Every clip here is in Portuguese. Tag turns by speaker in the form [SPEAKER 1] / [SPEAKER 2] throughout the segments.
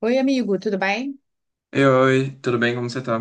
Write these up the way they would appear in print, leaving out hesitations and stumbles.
[SPEAKER 1] Oi, amigo, tudo bem?
[SPEAKER 2] Ei, oi, tudo bem? Como você tá?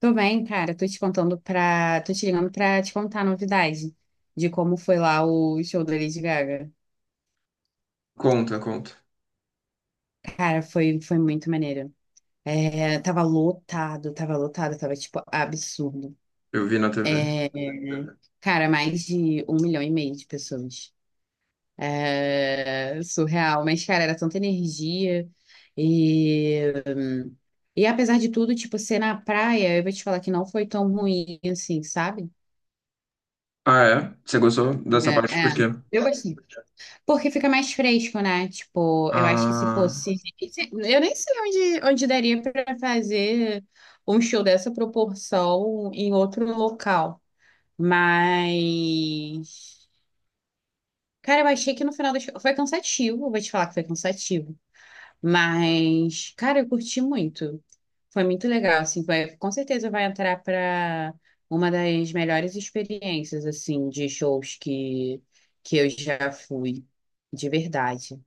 [SPEAKER 1] Tô bem, cara. Tô te contando pra. Tô te ligando pra te contar a novidade de como foi lá o show da Lady Gaga.
[SPEAKER 2] Conta, conta.
[SPEAKER 1] Cara, foi muito maneiro. Tava lotado, tava lotado, tava tipo absurdo.
[SPEAKER 2] Eu vi na TV.
[SPEAKER 1] Cara, mais de um milhão e meio de pessoas. É, surreal. Mas, cara, era tanta energia. E, e apesar de tudo, tipo, ser na praia, eu vou te falar que não foi tão ruim assim, sabe?
[SPEAKER 2] Ah, é? Você gostou
[SPEAKER 1] É,
[SPEAKER 2] dessa parte? Por quê?
[SPEAKER 1] é. Eu gostei. Porque fica mais fresco, né? Tipo, eu acho que se
[SPEAKER 2] Ah,
[SPEAKER 1] fosse. Eu nem sei onde daria para fazer um show dessa proporção em outro local. Mas. Cara, eu achei que no final do show. Foi cansativo, vou te falar que foi cansativo. Mas, cara, eu curti muito. Foi muito legal, assim, com certeza vai entrar para uma das melhores experiências, assim, de shows que eu já fui, de verdade.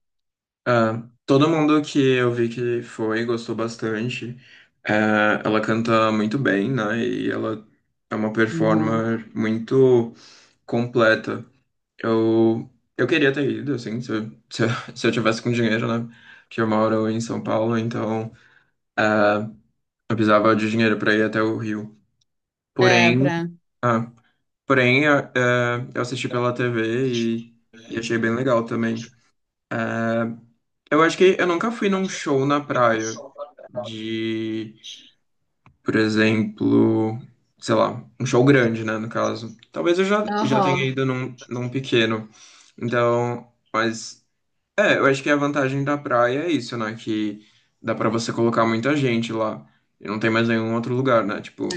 [SPEAKER 2] todo mundo que eu vi que foi gostou bastante. É, ela canta muito bem, né? E ela é uma
[SPEAKER 1] Uhum.
[SPEAKER 2] performer muito completa. Eu, eu queria ter ido, assim, se eu, se eu, se eu tivesse com dinheiro, né? Porque eu moro em São Paulo, então é, eu precisava de dinheiro para ir até o Rio.
[SPEAKER 1] É,
[SPEAKER 2] Porém,
[SPEAKER 1] pra...
[SPEAKER 2] Porém, eu assisti pela TV e achei bem legal também. Eh, Eu acho que eu nunca fui num show na praia de, por exemplo, sei lá, um show grande, né, no caso. Talvez eu já, já tenha
[SPEAKER 1] Uhum.
[SPEAKER 2] ido num pequeno. Então, mas é, eu acho que a vantagem da praia é isso, né, que dá pra você colocar muita gente lá. E não tem mais nenhum outro lugar, né? Tipo,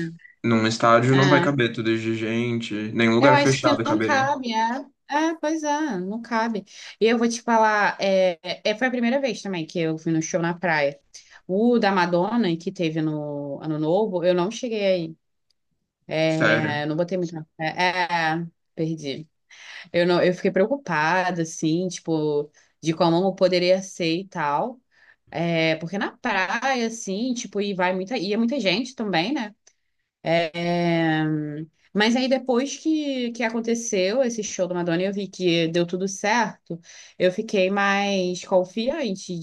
[SPEAKER 2] num estádio
[SPEAKER 1] É.
[SPEAKER 2] não vai
[SPEAKER 1] É.
[SPEAKER 2] caber tudo de gente, nenhum
[SPEAKER 1] Eu
[SPEAKER 2] lugar
[SPEAKER 1] acho que
[SPEAKER 2] fechado
[SPEAKER 1] não
[SPEAKER 2] caberia.
[SPEAKER 1] cabe, é. É, pois é, não cabe. E eu vou te falar, foi a primeira vez também que eu fui no show na praia. O da Madonna, que teve no Ano Novo, eu não cheguei aí.
[SPEAKER 2] Sério.
[SPEAKER 1] É, não botei muita fé. É, perdi. Eu não, eu fiquei preocupada, assim, tipo, de como eu poderia ser e tal. É, porque na praia, assim, tipo, ia muita gente também, né? É, mas aí depois que aconteceu esse show da Madonna, e eu vi que deu tudo certo, eu fiquei mais confiante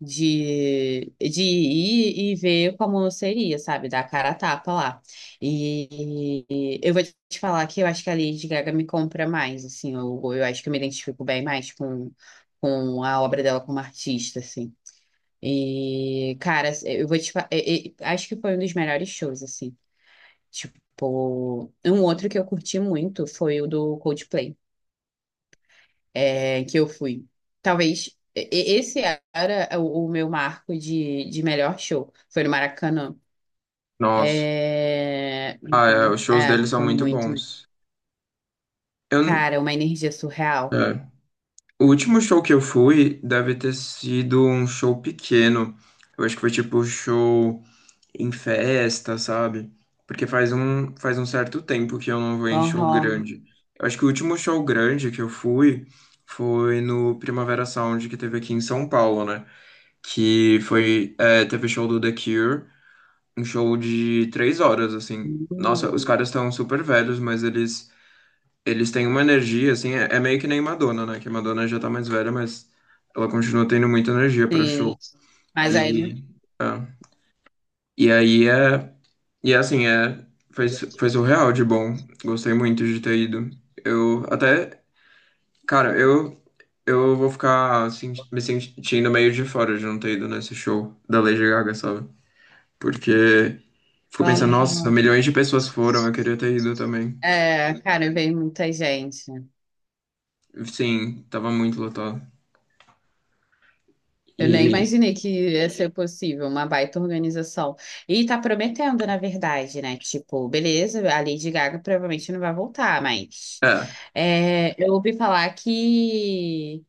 [SPEAKER 1] de ir e ver como seria, sabe? Dar a cara a tapa lá. E, eu vou te falar que eu acho que a Lady Gaga me compra mais, assim, eu acho que eu me identifico bem mais com a obra dela como artista, assim. E, cara, eu vou te falar, acho que foi um dos melhores shows, assim. Tipo, um outro que eu curti muito foi o do Coldplay é, que eu fui. Talvez esse era o meu marco de melhor show. Foi no Maracanã.
[SPEAKER 2] Nossa.
[SPEAKER 1] É,
[SPEAKER 2] Ah, é, os shows
[SPEAKER 1] é,
[SPEAKER 2] deles são
[SPEAKER 1] foi
[SPEAKER 2] muito
[SPEAKER 1] muito.
[SPEAKER 2] bons. Eu, n-
[SPEAKER 1] Cara, uma energia surreal.
[SPEAKER 2] é, o último show que eu fui deve ter sido um show pequeno. Eu acho que foi tipo show em festa, sabe? Porque faz um certo tempo que eu não vou em show
[SPEAKER 1] Aham.
[SPEAKER 2] grande. Eu acho que o último show grande que eu fui foi no Primavera Sound que teve aqui em São Paulo, né? Que foi, é, teve show do The Cure, um show de três horas, assim. Nossa, os
[SPEAKER 1] Hum.
[SPEAKER 2] caras estão super velhos, Eles têm uma energia, assim, é meio que nem Madonna, né? Que Madonna já tá mais velha, mas ela continua tendo muita energia para o
[SPEAKER 1] Sim,
[SPEAKER 2] show.
[SPEAKER 1] mas aí não.
[SPEAKER 2] E, ah, e aí é. E é assim, foi, foi surreal de bom. Gostei muito de ter ido. Eu até. Cara, eu. Eu vou ficar me sentindo meio de fora de não ter ido nesse show da Lady Gaga, sabe? Porque fico pensando, nossa,
[SPEAKER 1] Aham.
[SPEAKER 2] milhões de pessoas foram, eu queria ter ido também.
[SPEAKER 1] É, cara, veio muita gente.
[SPEAKER 2] Sim, tava muito lotado.
[SPEAKER 1] Eu nem
[SPEAKER 2] E.
[SPEAKER 1] imaginei que ia ser possível, uma baita organização. E tá prometendo, na verdade, né? Tipo, beleza, a Lady Gaga provavelmente não vai voltar, mas
[SPEAKER 2] É.
[SPEAKER 1] é, eu ouvi falar que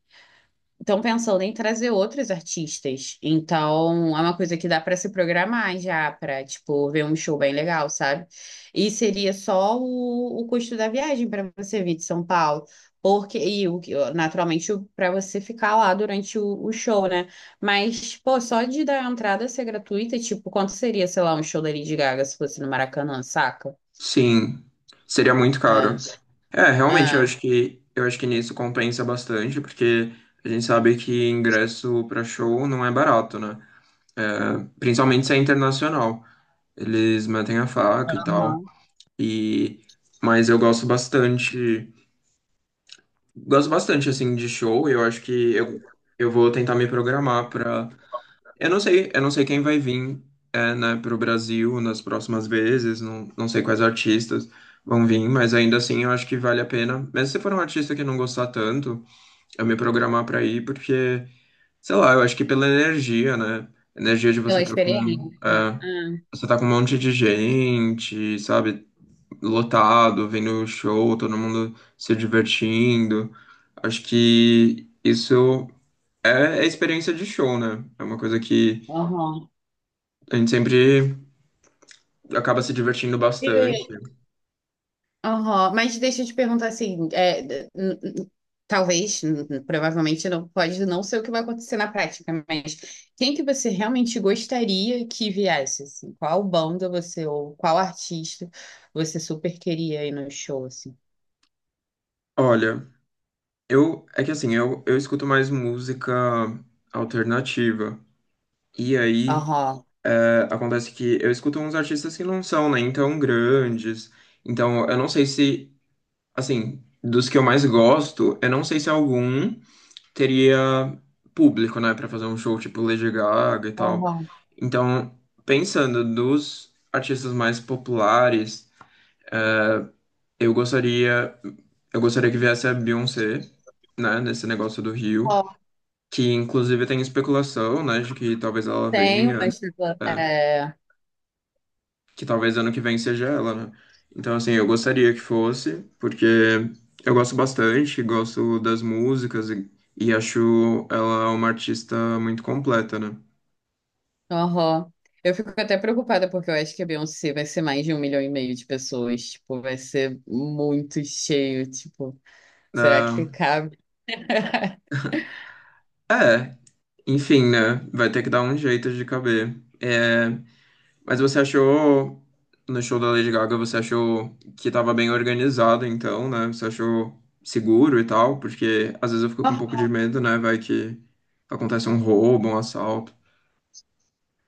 [SPEAKER 1] estão pensando em trazer outros artistas. Então, é uma coisa que dá para se programar já, para, tipo, ver um show bem legal, sabe? E seria só o custo da viagem para você vir de São Paulo. Porque, e o, que- naturalmente, para você ficar lá durante o show, né? Mas, pô, só de dar a entrada ser gratuita, tipo, quanto seria, sei lá, um show da Lady Gaga se fosse no Maracanã, saca?
[SPEAKER 2] Sim, seria muito
[SPEAKER 1] É,
[SPEAKER 2] caro. É, realmente,
[SPEAKER 1] é,
[SPEAKER 2] eu acho que nisso compensa bastante, porque a gente sabe que ingresso para show não é barato, né? É, principalmente se é internacional. Eles metem a faca e tal.
[SPEAKER 1] aham.
[SPEAKER 2] E mas eu gosto bastante, assim de show, eu acho que eu vou tentar me programar para eu não sei quem vai vir, é, né, pro Brasil nas próximas vezes, não, não sei quais artistas vão vir, mas ainda assim eu acho que vale a pena. Mesmo se for um artista que não gostar tanto, eu me programar pra ir, porque, sei lá, eu acho que pela energia, né? Energia de você
[SPEAKER 1] Pela
[SPEAKER 2] tá com,
[SPEAKER 1] experiência.
[SPEAKER 2] é,
[SPEAKER 1] É, é,
[SPEAKER 2] você tá com um monte de gente, sabe? Lotado, vendo o show, todo mundo se divertindo. Acho que isso é experiência de show, né? É uma coisa que
[SPEAKER 1] aham.
[SPEAKER 2] a gente sempre acaba se divertindo bastante.
[SPEAKER 1] Aham, mas deixa eu te perguntar assim, é, n- n- talvez, provavelmente não pode não ser o que vai acontecer na prática, mas quem que você realmente gostaria que viesse, assim? Qual banda você ou qual artista você super queria ir no show, assim?
[SPEAKER 2] Olha, eu é que assim, eu escuto mais música alternativa. E aí
[SPEAKER 1] Aham,
[SPEAKER 2] é, acontece que eu escuto uns artistas que não são nem tão grandes. Então, eu não sei se, assim, dos que eu mais gosto, eu não sei se algum teria público, né, pra fazer um show tipo Lady Gaga e tal.
[SPEAKER 1] aham.
[SPEAKER 2] Então, pensando dos artistas mais populares, Eu gostaria, eu gostaria que viesse a Beyoncé, né, nesse negócio do Rio,
[SPEAKER 1] Ó,
[SPEAKER 2] que inclusive tem especulação, né, de que talvez ela
[SPEAKER 1] tenho,
[SPEAKER 2] venha,
[SPEAKER 1] mas tipo,
[SPEAKER 2] né,
[SPEAKER 1] é,
[SPEAKER 2] que talvez ano que vem seja ela, né? Então, assim, eu gostaria que fosse, porque eu gosto bastante, gosto das músicas e acho ela uma artista muito completa, né?
[SPEAKER 1] aham. Eu fico até preocupada porque eu acho que a Beyoncé vai ser mais de um milhão e meio de pessoas, tipo, vai ser muito cheio, tipo, será que
[SPEAKER 2] Ah,
[SPEAKER 1] cabe?
[SPEAKER 2] é, enfim, né, vai ter que dar um jeito de caber. É, mas você achou, no show da Lady Gaga, você achou que tava bem organizado, então, né? Você achou seguro e tal? Porque às vezes eu fico com um pouco de medo, né? Vai que acontece um roubo, um assalto.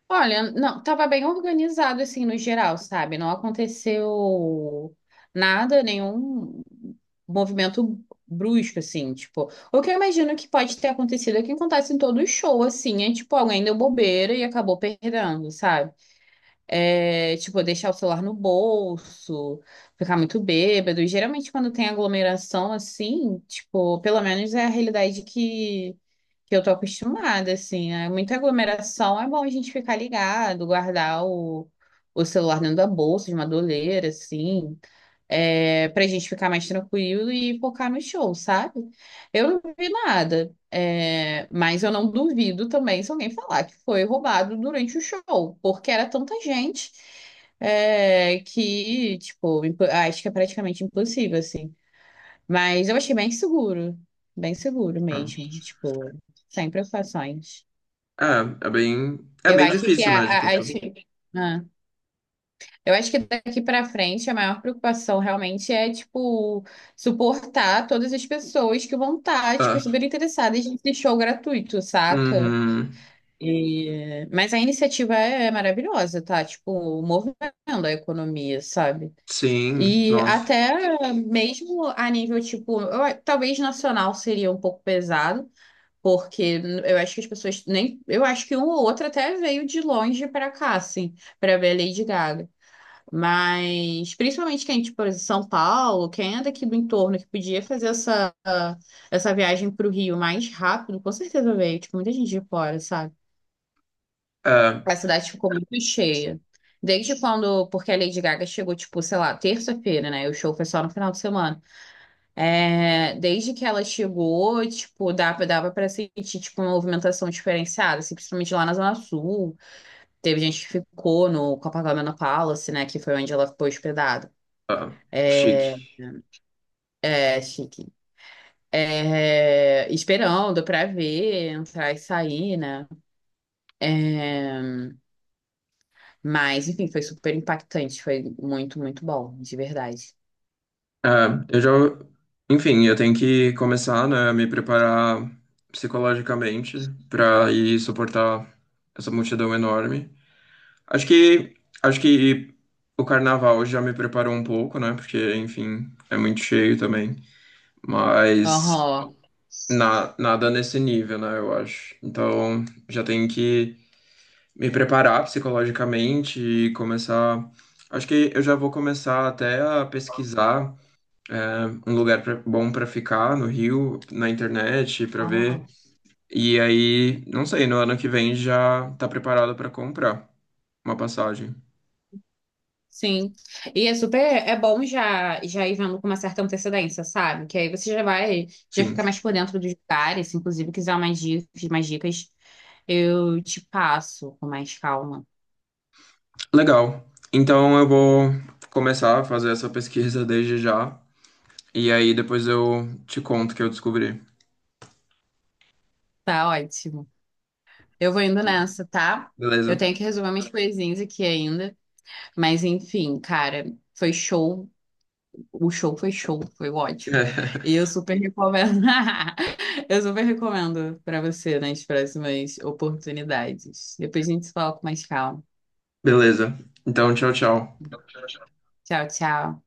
[SPEAKER 1] Olha, não, tava bem organizado assim no geral, sabe? Não aconteceu nada, nenhum movimento brusco assim, tipo, o que eu imagino que pode ter acontecido é que acontece em todo show assim, é tipo, alguém deu bobeira e acabou perdendo, sabe? É, tipo, deixar o celular no bolso, ficar muito bêbado. E, geralmente quando tem aglomeração assim, tipo, pelo menos é a realidade que eu tô acostumada, assim. É muita aglomeração, é bom a gente ficar ligado, guardar o celular dentro da bolsa, de uma doleira, assim, é, pra gente ficar mais tranquilo e focar no show, sabe? Eu não vi nada, é, mas eu não duvido também se alguém falar que foi roubado durante o show, porque era tanta gente. É, que, tipo, ah, acho que é praticamente impossível, assim. Mas eu achei bem seguro mesmo, tipo, sem preocupações.
[SPEAKER 2] É, é bem, é
[SPEAKER 1] Eu
[SPEAKER 2] bem
[SPEAKER 1] acho que
[SPEAKER 2] difícil,
[SPEAKER 1] a,
[SPEAKER 2] né, de
[SPEAKER 1] a- as-
[SPEAKER 2] controlar.
[SPEAKER 1] ah, eu acho que daqui para frente a maior preocupação realmente é, tipo, suportar todas as pessoas que vão estar, tipo,
[SPEAKER 2] É.
[SPEAKER 1] super interessadas nesse show gratuito, saca?
[SPEAKER 2] Uhum.
[SPEAKER 1] Mas a iniciativa é maravilhosa, tá? Tipo, movendo a economia, sabe?
[SPEAKER 2] Sim,
[SPEAKER 1] E
[SPEAKER 2] nossa.
[SPEAKER 1] até mesmo a nível, tipo, talvez nacional seria um pouco pesado, porque eu acho que as pessoas nem. Eu acho que um ou outro até veio de longe pra cá, assim, pra ver a Lady Gaga. Mas, principalmente quem, tipo, é de São Paulo, quem é daqui do entorno, que podia fazer essa viagem pro Rio mais rápido, com certeza veio. Tipo, muita gente de fora, sabe?
[SPEAKER 2] É,
[SPEAKER 1] A cidade ficou muito cheia. Desde quando. Porque a Lady Gaga chegou, tipo, sei lá, terça-feira, né? E o show foi só no final de semana. É, desde que ela chegou, tipo, dava para sentir, tipo, uma movimentação diferenciada, assim, principalmente lá na Zona Sul. Teve gente que ficou no Copacabana Palace, né, que foi onde ela ficou hospedada.
[SPEAKER 2] é,
[SPEAKER 1] É,
[SPEAKER 2] chique.
[SPEAKER 1] é chique. É, esperando pra ver, entrar e sair, né? É, mas, enfim, foi super impactante, foi muito, muito bom, de verdade.
[SPEAKER 2] É, eu já, enfim, eu tenho que começar, né, a me preparar psicologicamente pra ir suportar essa multidão enorme. Acho que acho que o carnaval já me preparou um pouco, né? Porque, enfim, é muito cheio também. Mas
[SPEAKER 1] Aham.
[SPEAKER 2] nada nesse nível, né? Eu acho. Então já tenho que me preparar psicologicamente e começar. Acho que eu já vou começar até a pesquisar é, um lugar pra- bom para ficar no Rio, na internet, para ver.
[SPEAKER 1] Aham.
[SPEAKER 2] E aí, não sei, no ano que vem já tá preparado para comprar uma passagem.
[SPEAKER 1] Sim. E é super, é bom já já ir vendo com uma certa antecedência, sabe? Que aí você já vai, já
[SPEAKER 2] Sim.
[SPEAKER 1] fica mais por dentro dos lugares, se inclusive quiser mais dicas, eu te passo com mais calma.
[SPEAKER 2] Legal. Então eu vou começar a fazer essa pesquisa desde já. E aí depois eu te conto o que eu descobri.
[SPEAKER 1] Tá ótimo. Eu vou indo nessa, tá? Eu
[SPEAKER 2] Beleza?
[SPEAKER 1] tenho que resolver minhas coisinhas aqui ainda, mas enfim, cara, foi show o show, foi ótimo. E eu super recomendo. Eu super recomendo para você nas próximas oportunidades. Depois a gente se fala com mais calma.
[SPEAKER 2] Beleza. Então, tchau, tchau.
[SPEAKER 1] Tchau, tchau.